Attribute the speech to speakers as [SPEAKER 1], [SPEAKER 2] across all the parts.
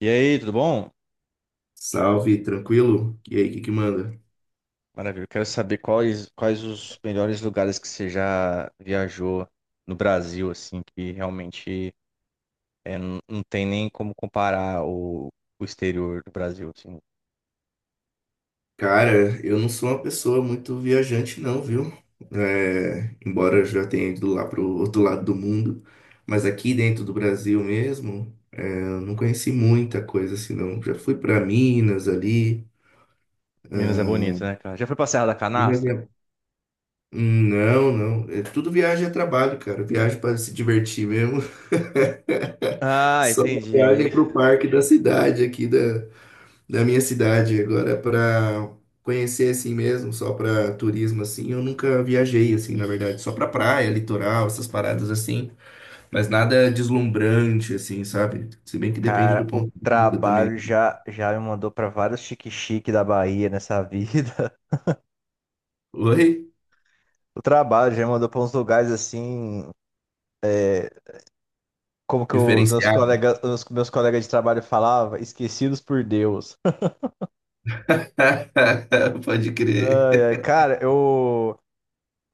[SPEAKER 1] E aí, tudo bom?
[SPEAKER 2] Salve, tranquilo? E aí, o que que manda?
[SPEAKER 1] Maravilha. Eu quero saber quais os melhores lugares que você já viajou no Brasil, assim, que realmente não tem nem como comparar o exterior do Brasil, assim.
[SPEAKER 2] Cara, eu não sou uma pessoa muito viajante, não, viu? É, embora eu já tenha ido lá pro outro lado do mundo, mas aqui dentro do Brasil mesmo, é, eu não conheci muita coisa assim, não. Já fui pra Minas ali.
[SPEAKER 1] Minas é bonito, né, cara? Já foi pra Serra da
[SPEAKER 2] Minas
[SPEAKER 1] Canastra?
[SPEAKER 2] é- Não, não. É tudo viagem é trabalho, cara. Viagem para se divertir mesmo.
[SPEAKER 1] Ah,
[SPEAKER 2] Só uma
[SPEAKER 1] entendi.
[SPEAKER 2] viagem pro parque da cidade aqui da minha cidade agora para conhecer assim mesmo, só para turismo assim. Eu nunca viajei assim, na verdade, só para praia, litoral, essas paradas assim, mas nada deslumbrante assim, sabe? Se bem que depende do
[SPEAKER 1] Cara, o
[SPEAKER 2] ponto de vista também.
[SPEAKER 1] trabalho já me mandou pra vários chique-chique da Bahia nessa vida.
[SPEAKER 2] Oi?
[SPEAKER 1] O trabalho já me mandou pra uns lugares assim, como que
[SPEAKER 2] Diferenciado.
[SPEAKER 1] os meus colegas de trabalho falavam, esquecidos por Deus.
[SPEAKER 2] Pode crer.
[SPEAKER 1] Ai, ai, cara, eu,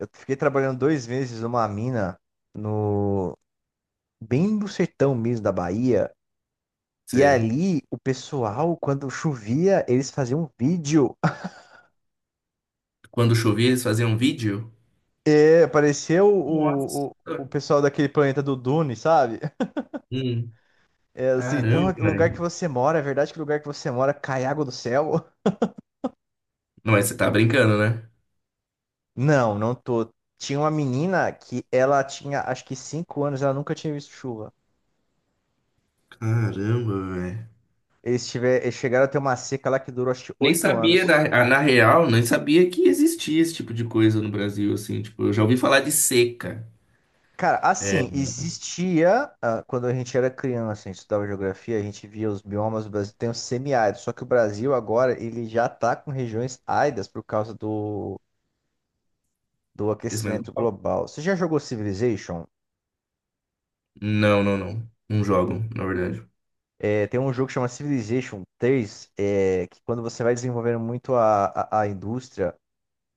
[SPEAKER 1] eu fiquei trabalhando 2 meses numa mina no bem no sertão mesmo da Bahia. E
[SPEAKER 2] Sei.
[SPEAKER 1] ali o pessoal, quando chovia, eles faziam um vídeo.
[SPEAKER 2] Quando chovia, eles faziam um vídeo?
[SPEAKER 1] É, parecia
[SPEAKER 2] Nossa.
[SPEAKER 1] o pessoal daquele planeta do Dune, sabe?
[SPEAKER 2] Hum.
[SPEAKER 1] É assim, então
[SPEAKER 2] Caramba,
[SPEAKER 1] o lugar que
[SPEAKER 2] velho.
[SPEAKER 1] você mora, é verdade que o lugar que você mora cai água do céu?
[SPEAKER 2] Não, mas você tá brincando, né?
[SPEAKER 1] Não, não tô. Tinha uma menina que ela tinha acho que 5 anos, ela nunca tinha visto chuva.
[SPEAKER 2] Caramba.
[SPEAKER 1] Eles chegaram a ter uma seca lá que durou acho que
[SPEAKER 2] Nem
[SPEAKER 1] oito
[SPEAKER 2] sabia,
[SPEAKER 1] anos.
[SPEAKER 2] na real, nem sabia que existia esse tipo de coisa no Brasil, assim. Tipo, eu já ouvi falar de seca.
[SPEAKER 1] Cara, assim, existia, ah, quando a gente era criança, a gente estudava geografia, a gente via os biomas do Brasil, tem o semiárido, só que o Brasil agora, ele já tá com regiões áridas por causa do
[SPEAKER 2] Aquecimento
[SPEAKER 1] aquecimento
[SPEAKER 2] global?
[SPEAKER 1] global. Você já jogou Civilization?
[SPEAKER 2] Não, não, não. Não jogam, na verdade.
[SPEAKER 1] É, tem um jogo que chama Civilization 3 é, que quando você vai desenvolvendo muito a indústria,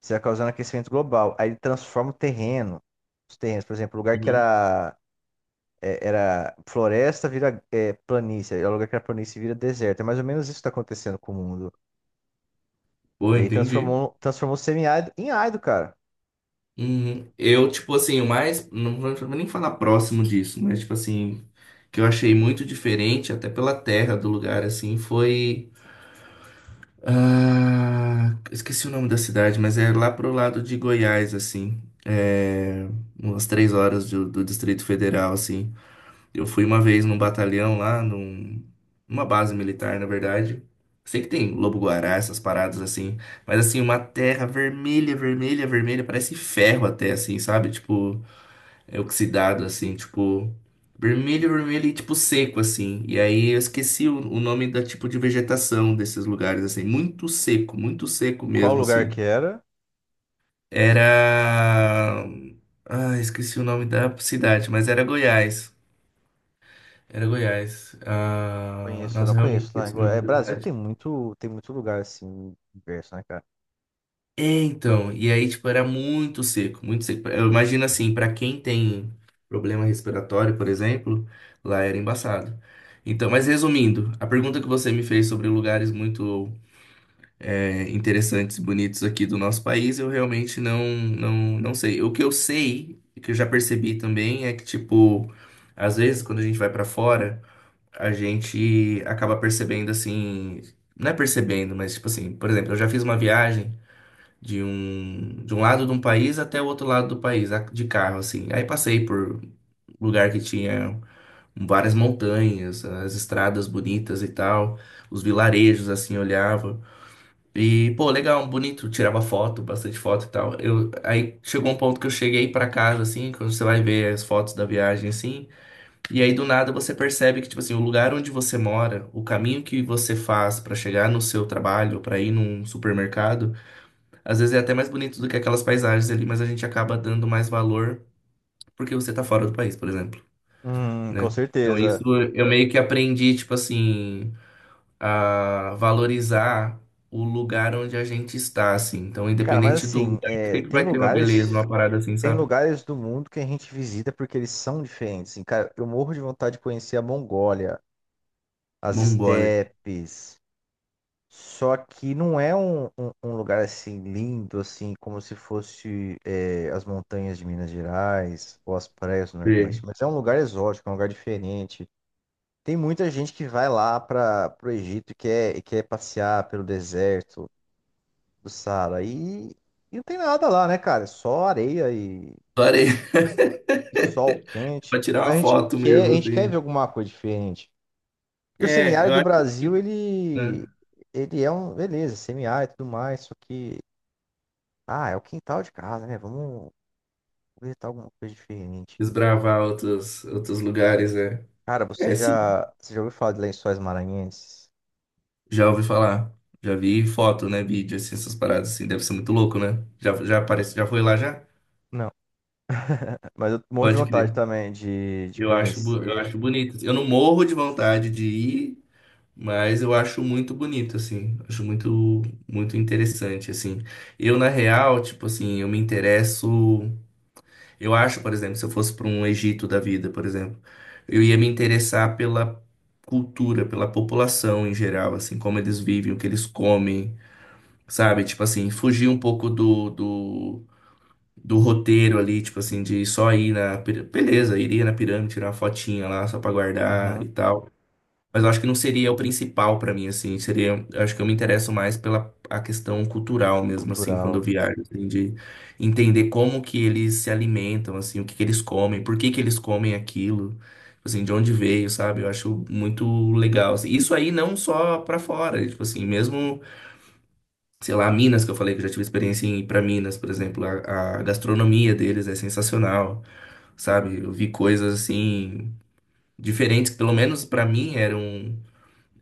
[SPEAKER 1] você vai causando aquecimento global, aí ele transforma os terrenos, por exemplo, o lugar que
[SPEAKER 2] Uhum.
[SPEAKER 1] era é, era floresta vira planície, é o lugar que era planície vira deserto. É mais ou menos isso que tá acontecendo com o mundo.
[SPEAKER 2] Pô,
[SPEAKER 1] E aí
[SPEAKER 2] entendi.
[SPEAKER 1] transformou semi-árido em árido, cara.
[SPEAKER 2] Uhum. Eu, tipo assim, o mais. Não vou nem falar próximo disso, mas, tipo assim, que eu achei muito diferente, até pela terra do lugar, assim, foi. Ah, esqueci o nome da cidade, mas é lá pro lado de Goiás, assim. É, umas 3 horas do Distrito Federal, assim. Eu fui uma vez num batalhão lá, numa base militar, na verdade. Sei que tem lobo-guará, essas paradas assim, mas assim, uma terra vermelha, vermelha, vermelha, parece ferro até, assim, sabe? Tipo, é oxidado, assim, tipo, vermelho, vermelho e tipo seco, assim. E aí eu esqueci o nome da tipo de vegetação desses lugares, assim, muito seco
[SPEAKER 1] Qual
[SPEAKER 2] mesmo,
[SPEAKER 1] lugar
[SPEAKER 2] assim.
[SPEAKER 1] que era?
[SPEAKER 2] Era. Ah, esqueci o nome da cidade, mas era Goiás. Era Goiás. Ah,
[SPEAKER 1] Conheço, eu não
[SPEAKER 2] nossa, realmente
[SPEAKER 1] conheço lá em
[SPEAKER 2] esqueci o
[SPEAKER 1] Goiás.
[SPEAKER 2] nome
[SPEAKER 1] É,
[SPEAKER 2] da
[SPEAKER 1] Brasil
[SPEAKER 2] cidade.
[SPEAKER 1] tem muito lugar assim, diverso, né, cara?
[SPEAKER 2] É, então, e aí, tipo, era muito seco, muito seco. Eu imagino assim, pra quem tem problema respiratório, por exemplo, lá era embaçado. Então, mas resumindo, a pergunta que você me fez sobre lugares muito interessantes e bonitos aqui do nosso país, eu realmente não sei. O que eu sei, que eu já percebi também, é que, tipo, às vezes quando a gente vai pra fora, a gente acaba percebendo assim, não é percebendo, mas tipo assim, por exemplo, eu já fiz uma viagem de um lado de um país até o outro lado do país, de carro, assim. Aí passei por lugar que tinha várias montanhas, as estradas bonitas e tal, os vilarejos, assim, eu olhava. E, pô, legal, bonito, tirava foto, bastante foto e tal. Eu, aí chegou um ponto que eu cheguei pra casa, assim, quando você vai ver as fotos da viagem, assim, e aí, do nada, você percebe que, tipo assim, o lugar onde você mora, o caminho que você faz pra chegar no seu trabalho, pra ir num supermercado, às vezes é até mais bonito do que aquelas paisagens ali, mas a gente acaba dando mais valor porque você tá fora do país, por exemplo,
[SPEAKER 1] Com
[SPEAKER 2] né? Então, isso
[SPEAKER 1] certeza.
[SPEAKER 2] eu meio que aprendi, tipo assim, a valorizar o lugar onde a gente está, assim. Então,
[SPEAKER 1] Cara, mas
[SPEAKER 2] independente do
[SPEAKER 1] assim,
[SPEAKER 2] lugar,
[SPEAKER 1] é,
[SPEAKER 2] sempre vai ter uma beleza, uma parada assim,
[SPEAKER 1] tem
[SPEAKER 2] sabe?
[SPEAKER 1] lugares do mundo que a gente visita porque eles são diferentes. Assim, cara, eu morro de vontade de conhecer a Mongólia, as
[SPEAKER 2] Mongólia.
[SPEAKER 1] estepes. Só que não é um lugar assim lindo, assim, como se fosse é, as montanhas de Minas Gerais ou as praias do Nordeste, mas é um lugar exótico, é um lugar diferente. Tem muita gente que vai lá para o Egito e e quer passear pelo deserto do Saara e não tem nada lá, né, cara? É só areia
[SPEAKER 2] Parei.
[SPEAKER 1] e sol
[SPEAKER 2] Pra
[SPEAKER 1] quente.
[SPEAKER 2] tirar uma
[SPEAKER 1] Mas
[SPEAKER 2] foto
[SPEAKER 1] a
[SPEAKER 2] mesmo,
[SPEAKER 1] gente quer
[SPEAKER 2] assim.
[SPEAKER 1] ver alguma coisa diferente. Porque o
[SPEAKER 2] É,
[SPEAKER 1] semiárido
[SPEAKER 2] eu
[SPEAKER 1] do
[SPEAKER 2] acho
[SPEAKER 1] Brasil,
[SPEAKER 2] que né,
[SPEAKER 1] ele é um, beleza, semiárido e tudo mais, só que ah, é o quintal de casa, né? Vamos visitar alguma coisa diferente.
[SPEAKER 2] desbravar outros lugares, é.
[SPEAKER 1] Cara,
[SPEAKER 2] É, sim.
[SPEAKER 1] você já ouviu falar de Lençóis Maranhenses?
[SPEAKER 2] Já ouvi falar. Já vi foto, né? Vídeo, assim, essas paradas, assim. Deve ser muito louco, né? Já, já aparece, já foi lá, já?
[SPEAKER 1] Não. Mas eu morro de
[SPEAKER 2] Pode
[SPEAKER 1] vontade
[SPEAKER 2] crer.
[SPEAKER 1] também de
[SPEAKER 2] Eu acho, eu
[SPEAKER 1] conhecer.
[SPEAKER 2] acho bonito. Eu não morro de vontade de ir, mas eu acho muito bonito, assim. Acho muito, muito interessante, assim. Eu, na real, tipo assim, eu me interesso. Eu acho, por exemplo, se eu fosse para um Egito da vida, por exemplo, eu ia me interessar pela cultura, pela população em geral, assim, como eles vivem, o que eles comem, sabe? Tipo assim, fugir um pouco do roteiro ali, tipo assim, de só ir Beleza, iria na pirâmide, tirar uma fotinha lá só para guardar
[SPEAKER 1] Uhum,
[SPEAKER 2] e tal. Mas eu acho que não seria o principal pra mim, assim. Seria, eu acho que eu me interesso mais pela a questão cultural mesmo, assim, quando
[SPEAKER 1] cultural.
[SPEAKER 2] eu viajo, assim, de entender como que eles se alimentam, assim, o que que eles comem, por que que eles comem aquilo, tipo assim, de onde veio, sabe? Eu acho muito legal, assim. Isso aí não só pra fora, tipo assim, mesmo, sei lá, Minas, que eu falei que eu já tive experiência em ir pra Minas, por exemplo, a gastronomia deles é sensacional, sabe? Eu vi coisas assim diferentes, que pelo menos pra mim eram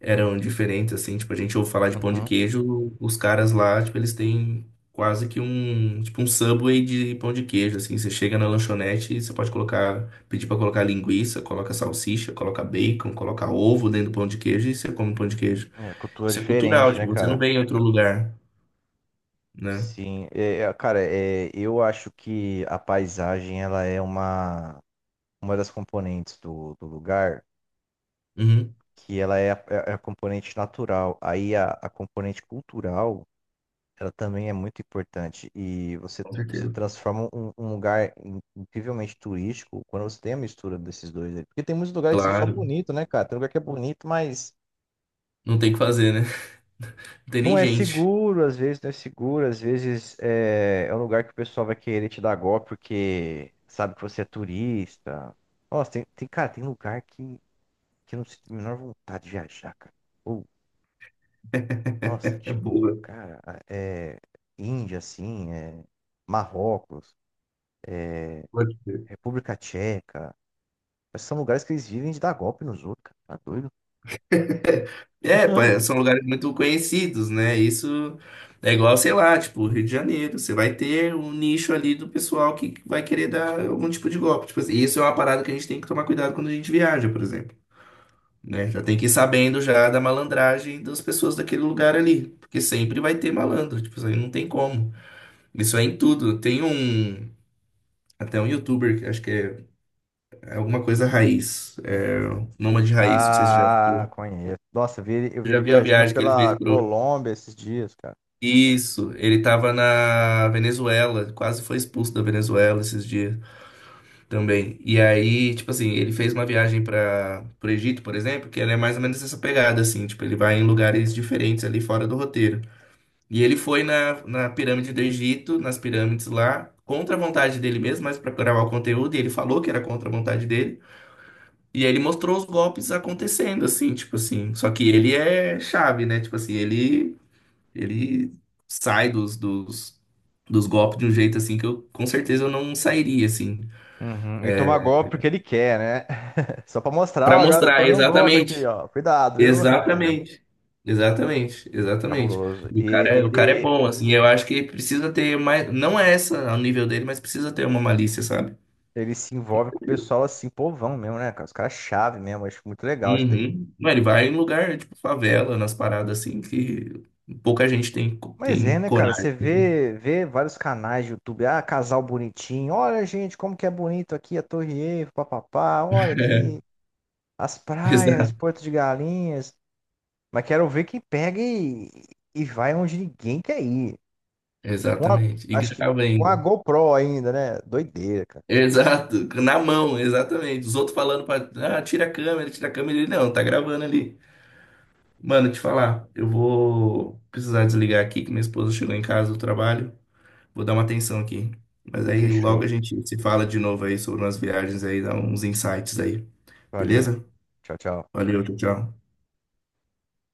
[SPEAKER 2] eram diferentes, assim, tipo, a gente ouve falar de pão de
[SPEAKER 1] Uhum.
[SPEAKER 2] queijo, os caras lá, tipo, eles têm quase que um, tipo, um Subway de pão de queijo, assim, você chega na lanchonete e você pode colocar, pedir pra colocar linguiça, coloca salsicha, coloca bacon, coloca ovo dentro do pão de queijo e você come pão de queijo.
[SPEAKER 1] É, cultura
[SPEAKER 2] Isso é cultural,
[SPEAKER 1] diferente,
[SPEAKER 2] tipo,
[SPEAKER 1] né,
[SPEAKER 2] você não
[SPEAKER 1] cara?
[SPEAKER 2] vem em outro lugar, né?
[SPEAKER 1] Sim. Eu acho que a paisagem, ela é uma das componentes do lugar,
[SPEAKER 2] Uhum,
[SPEAKER 1] que ela é é é a componente natural. Aí a componente cultural. Ela também é muito importante e
[SPEAKER 2] com
[SPEAKER 1] você
[SPEAKER 2] certeza.
[SPEAKER 1] transforma um lugar incrivelmente turístico quando você tem a mistura desses dois aí. Porque tem muitos lugares que são só
[SPEAKER 2] Claro,
[SPEAKER 1] bonitos, né, cara? Tem lugar que é bonito, mas
[SPEAKER 2] não tem o que fazer, né? Não tem nem
[SPEAKER 1] não é
[SPEAKER 2] gente.
[SPEAKER 1] seguro, às vezes não é seguro, às vezes é um lugar que o pessoal vai querer te dar golpe porque sabe que você é turista. Nossa, cara, tem lugar que eu não sinto a menor vontade de viajar, cara. Ou, nossa,
[SPEAKER 2] É
[SPEAKER 1] tipo,
[SPEAKER 2] boa.
[SPEAKER 1] cara, é Índia, assim, é Marrocos. República Tcheca. Esses são lugares que eles vivem de dar golpe nos outros, cara. Tá doido?
[SPEAKER 2] É, são lugares muito conhecidos, né? Isso é igual, sei lá, tipo, Rio de Janeiro. Você vai ter um nicho ali do pessoal que vai querer dar algum tipo de golpe. Tipo assim, isso é uma parada que a gente tem que tomar cuidado quando a gente viaja, por exemplo, né? Já tem que ir sabendo já da malandragem das pessoas daquele lugar ali, porque sempre vai ter malandro, tipo, isso aí não tem como. Isso é em tudo. Tem um, até um youtuber, que acho que é alguma coisa raiz, é, Nômade Raiz, não sei se você já
[SPEAKER 1] Ah,
[SPEAKER 2] viu.
[SPEAKER 1] conheço. Nossa, eu
[SPEAKER 2] Você
[SPEAKER 1] vi
[SPEAKER 2] já
[SPEAKER 1] ele
[SPEAKER 2] viu a
[SPEAKER 1] viajando
[SPEAKER 2] viagem que ele
[SPEAKER 1] pela
[SPEAKER 2] fez?
[SPEAKER 1] Colômbia esses dias, cara.
[SPEAKER 2] Isso, ele estava na Venezuela, quase foi expulso da Venezuela esses dias também. E aí, tipo assim, ele fez uma viagem para pro Egito, por exemplo, que ela é mais ou menos essa pegada, assim, tipo, ele vai em lugares diferentes ali fora do roteiro. E ele foi na pirâmide do Egito, nas pirâmides lá, contra a vontade dele mesmo, mas para gravar o conteúdo, e ele falou que era contra a vontade dele. E aí ele mostrou os golpes acontecendo, assim, tipo assim. Só que ele é chave, né? Tipo assim, ele sai dos golpes de um jeito assim que eu com certeza eu não sairia assim.
[SPEAKER 1] Uhum. E toma golpe porque ele quer, né? Só pra mostrar,
[SPEAKER 2] Pra
[SPEAKER 1] ó, galera, eu
[SPEAKER 2] mostrar
[SPEAKER 1] tomei um golpe aqui,
[SPEAKER 2] exatamente,
[SPEAKER 1] ó. Cuidado, viu?
[SPEAKER 2] exatamente, exatamente, exatamente.
[SPEAKER 1] Cabuloso.
[SPEAKER 2] E o cara, o cara é bom assim. Eu acho que precisa ter mais, não é essa ao nível dele, mas precisa ter uma malícia, sabe?
[SPEAKER 1] Ele se envolve com o pessoal assim, povão mesmo, né, cara? Os caras chave mesmo. Acho muito legal isso daí.
[SPEAKER 2] Uhum. Não, ele vai em lugar tipo favela, nas paradas assim que pouca gente tem
[SPEAKER 1] Mas é,
[SPEAKER 2] tem
[SPEAKER 1] né, cara?
[SPEAKER 2] coragem.
[SPEAKER 1] Você vê, vê vários canais de YouTube. Ah, casal bonitinho. Olha, gente, como que é bonito aqui a Torre Eiffel, papapá. Olha aqui as praias
[SPEAKER 2] Exa-
[SPEAKER 1] de Porto de Galinhas. Mas quero ver quem pega e vai onde ninguém quer ir. Com a,
[SPEAKER 2] Exatamente. E
[SPEAKER 1] acho que
[SPEAKER 2] grava
[SPEAKER 1] com
[SPEAKER 2] ainda.
[SPEAKER 1] a GoPro ainda, né? Doideira, cara.
[SPEAKER 2] Exato, na mão, exatamente. Os outros falando pra. Ah, tira a câmera, tira a câmera. Ele não, tá gravando ali. Mano, te falar, eu vou precisar desligar aqui que minha esposa chegou em casa do trabalho. Vou dar uma atenção aqui. Mas aí logo a
[SPEAKER 1] Fechou.
[SPEAKER 2] gente se fala de novo aí sobre umas viagens aí, dá uns insights aí.
[SPEAKER 1] Valeu.
[SPEAKER 2] Beleza?
[SPEAKER 1] Tchau, tchau.
[SPEAKER 2] Valeu, tchau, tchau.